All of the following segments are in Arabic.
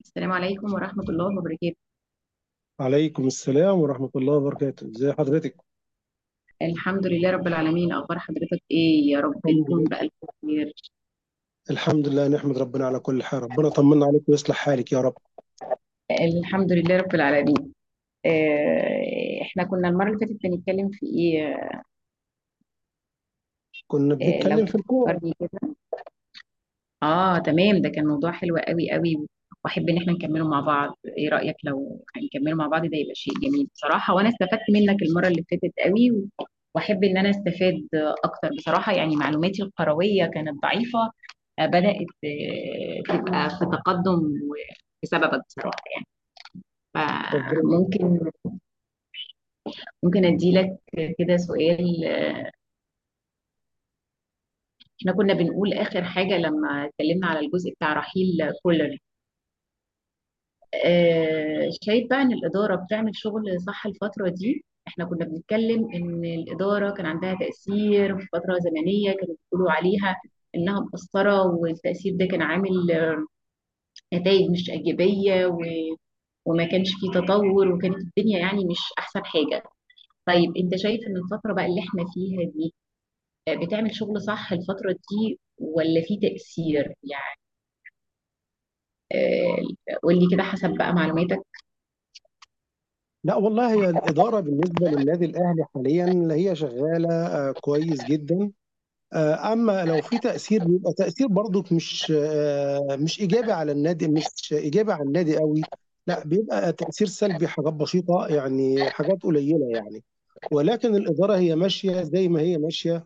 السلام عليكم ورحمة الله وبركاته. عليكم السلام ورحمة الله وبركاته، ازي حضرتك؟ الحمد لله رب العالمين، أخبار حضرتك إيه؟ يا رب الحمد تكون لله. بألف خير. الحمد لله، نحمد ربنا على كل حال. ربنا طمنا عليك ويصلح حالك يا رب. الحمد لله رب العالمين. إحنا كنا المرة اللي فاتت بنتكلم في إيه؟ كنا لو بنتكلم في الكورة. تفكرني كده. اه تمام، ده كان موضوع حلو قوي قوي، واحب ان احنا نكمله مع بعض. ايه رأيك لو هنكمله مع بعض؟ ده يبقى شيء جميل بصراحة، وانا استفدت منك المرة اللي فاتت قوي واحب ان انا استفاد اكتر بصراحة. يعني معلوماتي القروية كانت ضعيفة، بدأت تبقى في تقدم و- بسببك بصراحة. ربنا يجزيك. فممكن ممكن اديلك كده سؤال؟ احنا كنا بنقول اخر حاجة لما اتكلمنا على الجزء بتاع رحيل كولر. شايف بقى ان الاداره بتعمل شغل صح الفتره دي؟ احنا كنا بنتكلم ان الاداره كان عندها تاثير في فتره زمنيه كانوا بيقولوا عليها انها مقصره، والتاثير ده كان عامل نتائج مش ايجابيه. وما كانش فيه تطور، وكانت الدنيا يعني مش احسن حاجه. طيب انت شايف ان الفتره بقى اللي احنا فيها دي بتعمل شغل صح الفتره دي، ولا في تاثير يعني؟ قول لي كده حسب بقى معلوماتك. لا والله، هي الإدارة بالنسبة للنادي الأهلي حاليا هي شغالة كويس جدا. أما لو في تأثير، بيبقى تأثير برضك مش مش إيجابي على النادي، مش إيجابي على النادي قوي. لا، بيبقى تأثير سلبي، حاجات بسيطة يعني، حاجات قليلة يعني. ولكن الإدارة هي ماشية زي ما هي ماشية،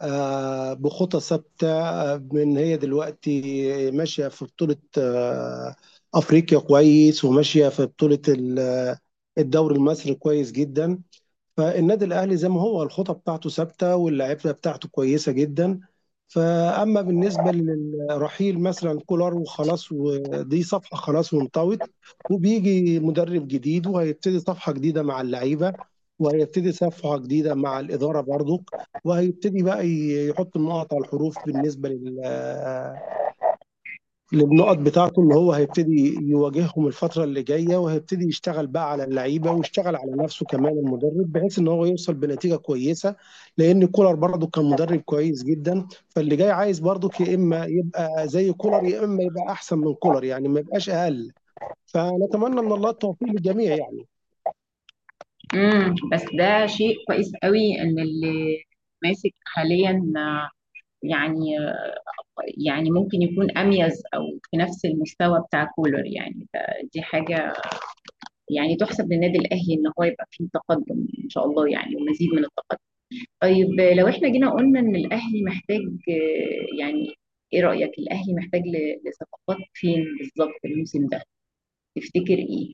بخطى ثابته. من هي دلوقتي ماشيه في بطوله افريقيا كويس، وماشيه في بطوله الدوري المصري كويس جدا. فالنادي الاهلي زي ما هو، الخطه بتاعته ثابته واللعيبه بتاعته كويسه جدا. فاما بالنسبه للرحيل مثلا كولر، وخلاص، ودي صفحه خلاص وانطوت، وبيجي مدرب جديد وهيبتدي صفحه جديده مع اللعيبه، وهيبتدي صفحه جديده مع الاداره برضك، وهيبتدي بقى يحط النقط على الحروف. بالنسبه للنقط بتاعته، ان هو هيبتدي يواجههم الفتره اللي جايه، وهيبتدي يشتغل بقى على اللعيبه، ويشتغل على نفسه كمان المدرب، بحيث ان هو يوصل بنتيجه كويسه. لان كولر برضه كان مدرب كويس جدا، فاللي جاي عايز برضه يا اما يبقى زي كولر يا اما يبقى احسن من كولر، يعني ما يبقاش اقل. فنتمنى من الله التوفيق للجميع يعني. بس ده شيء كويس قوي، ان اللي ماسك حاليا يعني يعني ممكن يكون اميز او في نفس المستوى بتاع كولر. يعني دي حاجه يعني تحسب للنادي الاهلي ان هو يبقى فيه تقدم ان شاء الله، يعني ومزيد من التقدم. طيب لو احنا جينا قلنا ان الاهلي محتاج يعني ايه رايك؟ الاهلي محتاج لصفقات فين بالظبط الموسم ده؟ تفتكر ايه؟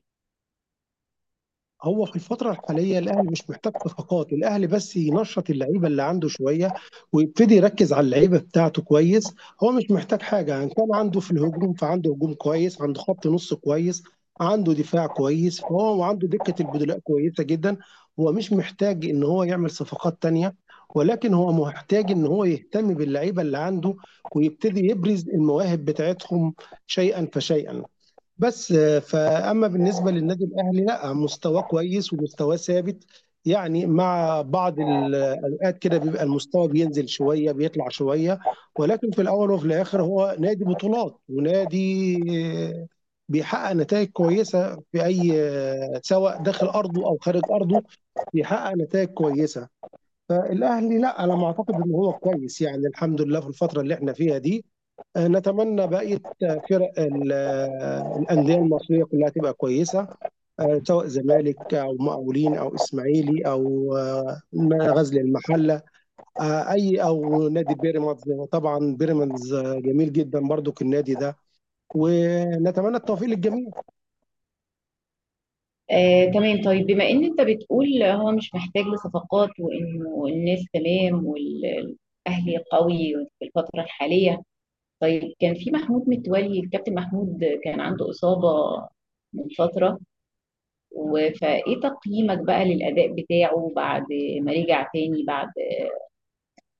هو في الفترة الحالية الأهلي مش محتاج صفقات، الأهلي بس ينشط اللعيبة اللي عنده شوية، ويبتدي يركز على اللعيبة بتاعته كويس. هو مش محتاج حاجة، إن كان عنده في الهجوم فعنده هجوم كويس، عنده خط نص كويس، عنده دفاع كويس، فهو وعنده دكة البدلاء كويسة جدا. هو مش محتاج إن هو يعمل صفقات تانية، ولكن هو محتاج إن هو يهتم باللعيبة اللي عنده ويبتدي يبرز المواهب بتاعتهم شيئا فشيئا. بس فأما بالنسبة للنادي الأهلي، لا مستواه كويس ومستواه ثابت. يعني مع بعض الأوقات كده بيبقى المستوى بينزل شوية بيطلع شوية، ولكن في الأول وفي الآخر هو نادي بطولات ونادي آه، بيحقق نتائج كويسة في أي سواء داخل أرضه أو خارج أرضه بيحقق نتائج كويسة. فالاهلي لا، على ما اعتقد ان هو كويس يعني، الحمد لله في الفتره اللي احنا فيها دي. نتمنى بقيه فرق الانديه المصريه كلها تبقى كويسه، سواء زمالك او مقاولين او اسماعيلي او غزل المحله اي او نادي بيراميدز، طبعا بيراميدز جميل جدا برضو النادي ده. ونتمنى التوفيق للجميع. تمام. طيب بما ان انت بتقول هو مش محتاج لصفقات، وانه الناس تمام والاهلي قوي في الفتره الحاليه، طيب كان في محمود متولي، الكابتن محمود كان عنده اصابه من فتره فايه تقييمك بقى للاداء بتاعه بعد ما رجع تاني، بعد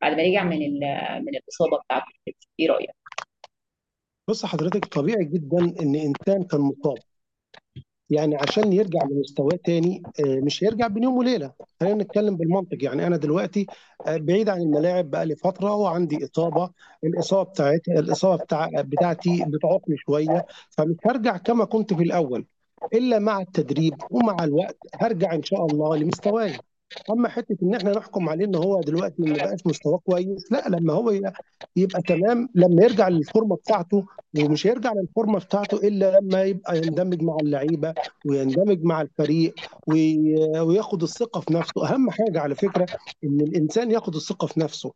ما رجع من من الاصابه بتاعته؟ ايه رايك؟ بص حضرتك، طبيعي جدا ان انسان كان مصاب، يعني عشان يرجع لمستواه تاني مش هيرجع بين يوم وليله. خلينا نتكلم بالمنطق، يعني انا دلوقتي بعيد عن الملاعب بقالي فتره وعندي اصابه، الاصابه بتاعتي، الاصابه بتاعتي بتعوقني شويه، فمش هرجع كما كنت في الاول الا مع التدريب، ومع الوقت هرجع ان شاء الله لمستواي. اما حته ان احنا نحكم عليه ان هو دلوقتي ما بقاش مستواه كويس، لا، لما يبقى تمام لما يرجع للفورمه بتاعته، ومش هيرجع للفورمه بتاعته الا لما يبقى يندمج مع اللعيبه ويندمج مع الفريق، وياخد الثقة في نفسه. أهم حاجة على فكرة إن الإنسان ياخد الثقة في نفسه.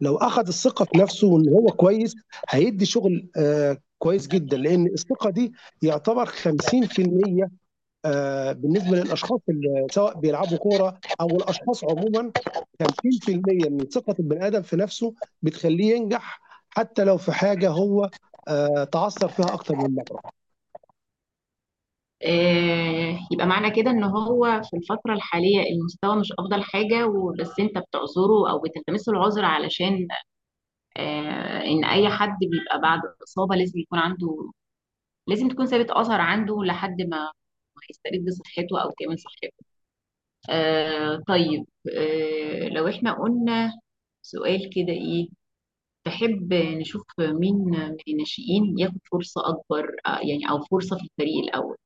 لو أخد الثقة في نفسه وإن هو كويس، هيدي شغل كويس جدا، لأن الثقة دي يعتبر 50% بالنسبة للأشخاص اللي سواء بيلعبوا كورة أو الأشخاص عموما. 50% من ثقة البني آدم في نفسه بتخليه ينجح، حتى لو في حاجة هو تعثر فيها أكتر من مرة. يبقى معنى كده ان هو في الفترة الحالية المستوى مش افضل حاجة، وبس انت بتعذره او بتلتمس له العذر، علشان ان اي حد بيبقى بعد اصابة لازم يكون عنده، لازم تكون سابت اثر عنده لحد ما يسترد صحته او كامل صحته. طيب. لو احنا قلنا سؤال كده، ايه تحب نشوف مين من الناشئين ياخد فرصة اكبر؟ يعني او فرصة في الفريق الاول.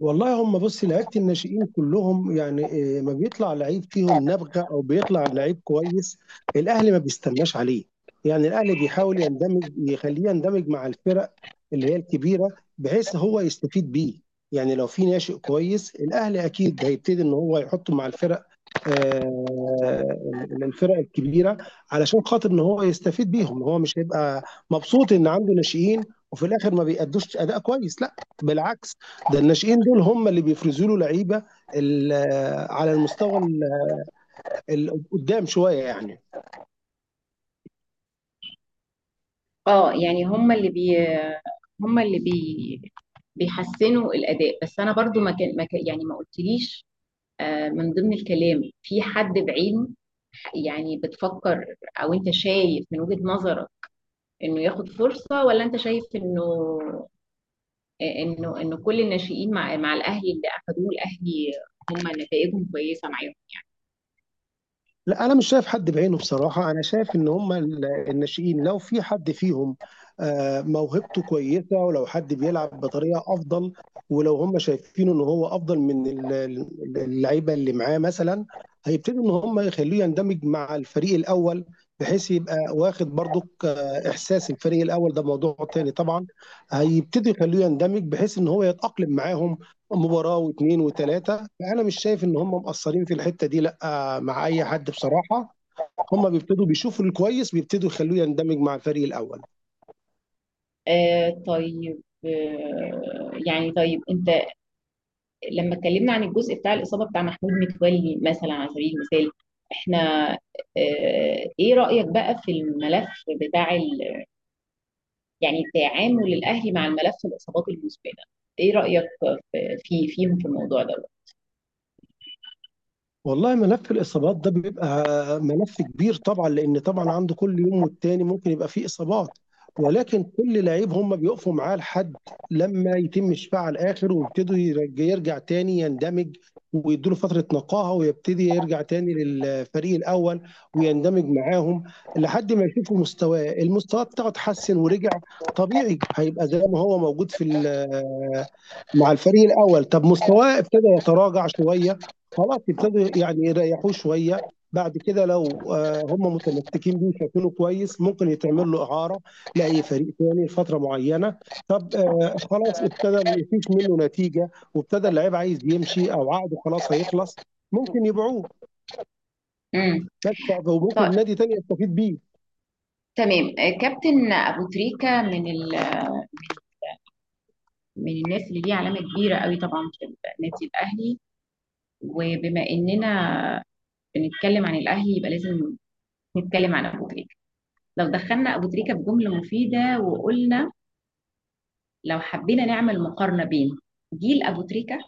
والله، هم بصي، لعيبه الناشئين كلهم يعني ما بيطلع لعيب فيهم نبغه او بيطلع لعيب كويس، الاهلي ما بيستناش عليه. يعني الاهلي بيحاول يندمج، يخليه يندمج مع الفرق اللي هي الكبيره بحيث هو يستفيد بيه. يعني لو في ناشئ كويس، الاهلي اكيد هيبتدي ان هو يحطه مع الفرق، آه، الفرق الكبيره، علشان خاطر ان هو يستفيد بيهم. هو مش هيبقى مبسوط ان عنده ناشئين وفي الاخر ما بيأدوش اداء كويس، لا بالعكس، ده الناشئين دول هم اللي بيفرزوا له لعيبه ال- على المستوى قدام شويه يعني. اه يعني هم اللي بي بيحسنوا الاداء. بس انا برضو ما كان ما كان- يعني ما قلتليش من ضمن الكلام في حد بعينه، يعني بتفكر او انت شايف من وجهة نظرك انه ياخد فرصة؟ ولا انت شايف انه انه كل الناشئين مع الاهلي، اللي اخدوه الاهلي هم نتائجهم كويسة معاهم. لا، انا مش شايف حد بعينه بصراحه. انا شايف ان هم الناشئين لو في حد فيهم موهبته كويسه، ولو حد بيلعب بطريقه افضل، ولو هم شايفينه ان هو افضل من اللعيبه اللي معاه مثلا، هيبتدوا ان هم يخلوه يندمج مع الفريق الاول، بحيث يبقى واخد برضك احساس الفريق الاول، ده موضوع تاني طبعا. هيبتدي يخلوه يندمج بحيث ان هو يتاقلم معاهم مباراه واثنين وثلاثه. فانا مش شايف ان هم مقصرين في الحته دي لا، مع اي حد بصراحه. هم بيبتدوا بيشوفوا الكويس، بيبتدوا يخلوه يندمج مع الفريق الاول. طيب. يعني طيب انت، لما اتكلمنا عن الجزء بتاع الإصابة بتاع محمود متولي مثلا على سبيل المثال، احنا آه، ايه رأيك بقى في الملف بتاع يعني تعامل الأهلي مع الملف الإصابات المزمنة؟ ايه رأيك في فيهم في الموضوع ده؟ والله، ملف الإصابات ده بيبقى ملف كبير طبعا، لأن طبعا عنده كل يوم والتاني ممكن يبقى فيه إصابات. ولكن كل لعيب هم بيقفوا معاه لحد لما يتم شفاعه على الآخر، ويبتدوا يرجع تاني يندمج، ويدوله فترة نقاهة، ويبتدي يرجع تاني للفريق الأول ويندمج معاهم، لحد ما يشوفوا مستواه المستوى بتاعه اتحسن ورجع طبيعي، هيبقى زي ما هو موجود في مع الفريق الاول. طب مستواه ابتدى يتراجع شويه، خلاص ابتدوا يعني يريحوه شويه. بعد كده لو هم متمسكين بيه شايفينه كويس، ممكن يتعمل له اعاره لاي فريق ثاني لفتره معينه. طب خلاص ابتدى ما فيش منه نتيجه وابتدى اللعيب عايز يمشي او عقده خلاص هيخلص، ممكن يبيعوه امم بس، طيب وممكن نادي تاني يستفيد بيه. تمام. كابتن ابو تريكه من من الناس اللي ليه علامه كبيره قوي طبعا في النادي الاهلي. وبما اننا بنتكلم عن الاهلي، يبقى لازم نتكلم عن ابو تريكه. لو دخلنا ابو تريكه بجمله مفيده وقلنا، لو حبينا نعمل مقارنه بين جيل ابو تريكه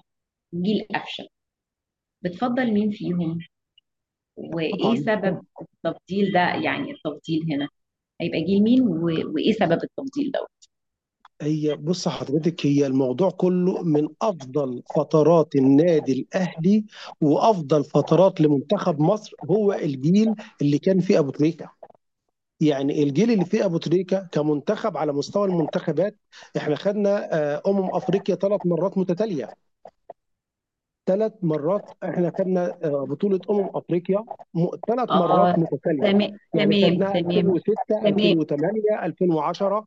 وجيل قفشه، بتفضل مين فيهم؟ وايه طبعا سبب التفضيل ده؟ يعني التفضيل هنا هيبقى جيل مين؟ وايه سبب التفضيل ده؟ هي بص حضرتك، هي الموضوع كله، من افضل فترات النادي الاهلي وافضل فترات لمنتخب مصر هو الجيل اللي كان فيه ابو تريكه. يعني الجيل اللي فيه ابو تريكه كمنتخب، على مستوى المنتخبات احنا خدنا افريقيا 3 مرات متتاليه. 3 مرات احنا خدنا بطوله افريقيا 3 مرات اه متتاليه. تمام يعني تمام خدناها تمام. 2006، تمام 2008، 2010.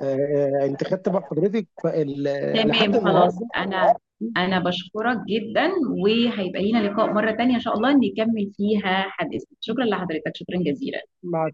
آه، انت خدت بقى حضرتك لحد تمام خلاص، النهارده. انا بشكرك جدا، وهيبقى لينا لقاء مرة تانية ان شاء الله نكمل فيها حديثنا. شكرا لحضرتك، شكرا جزيلا. مع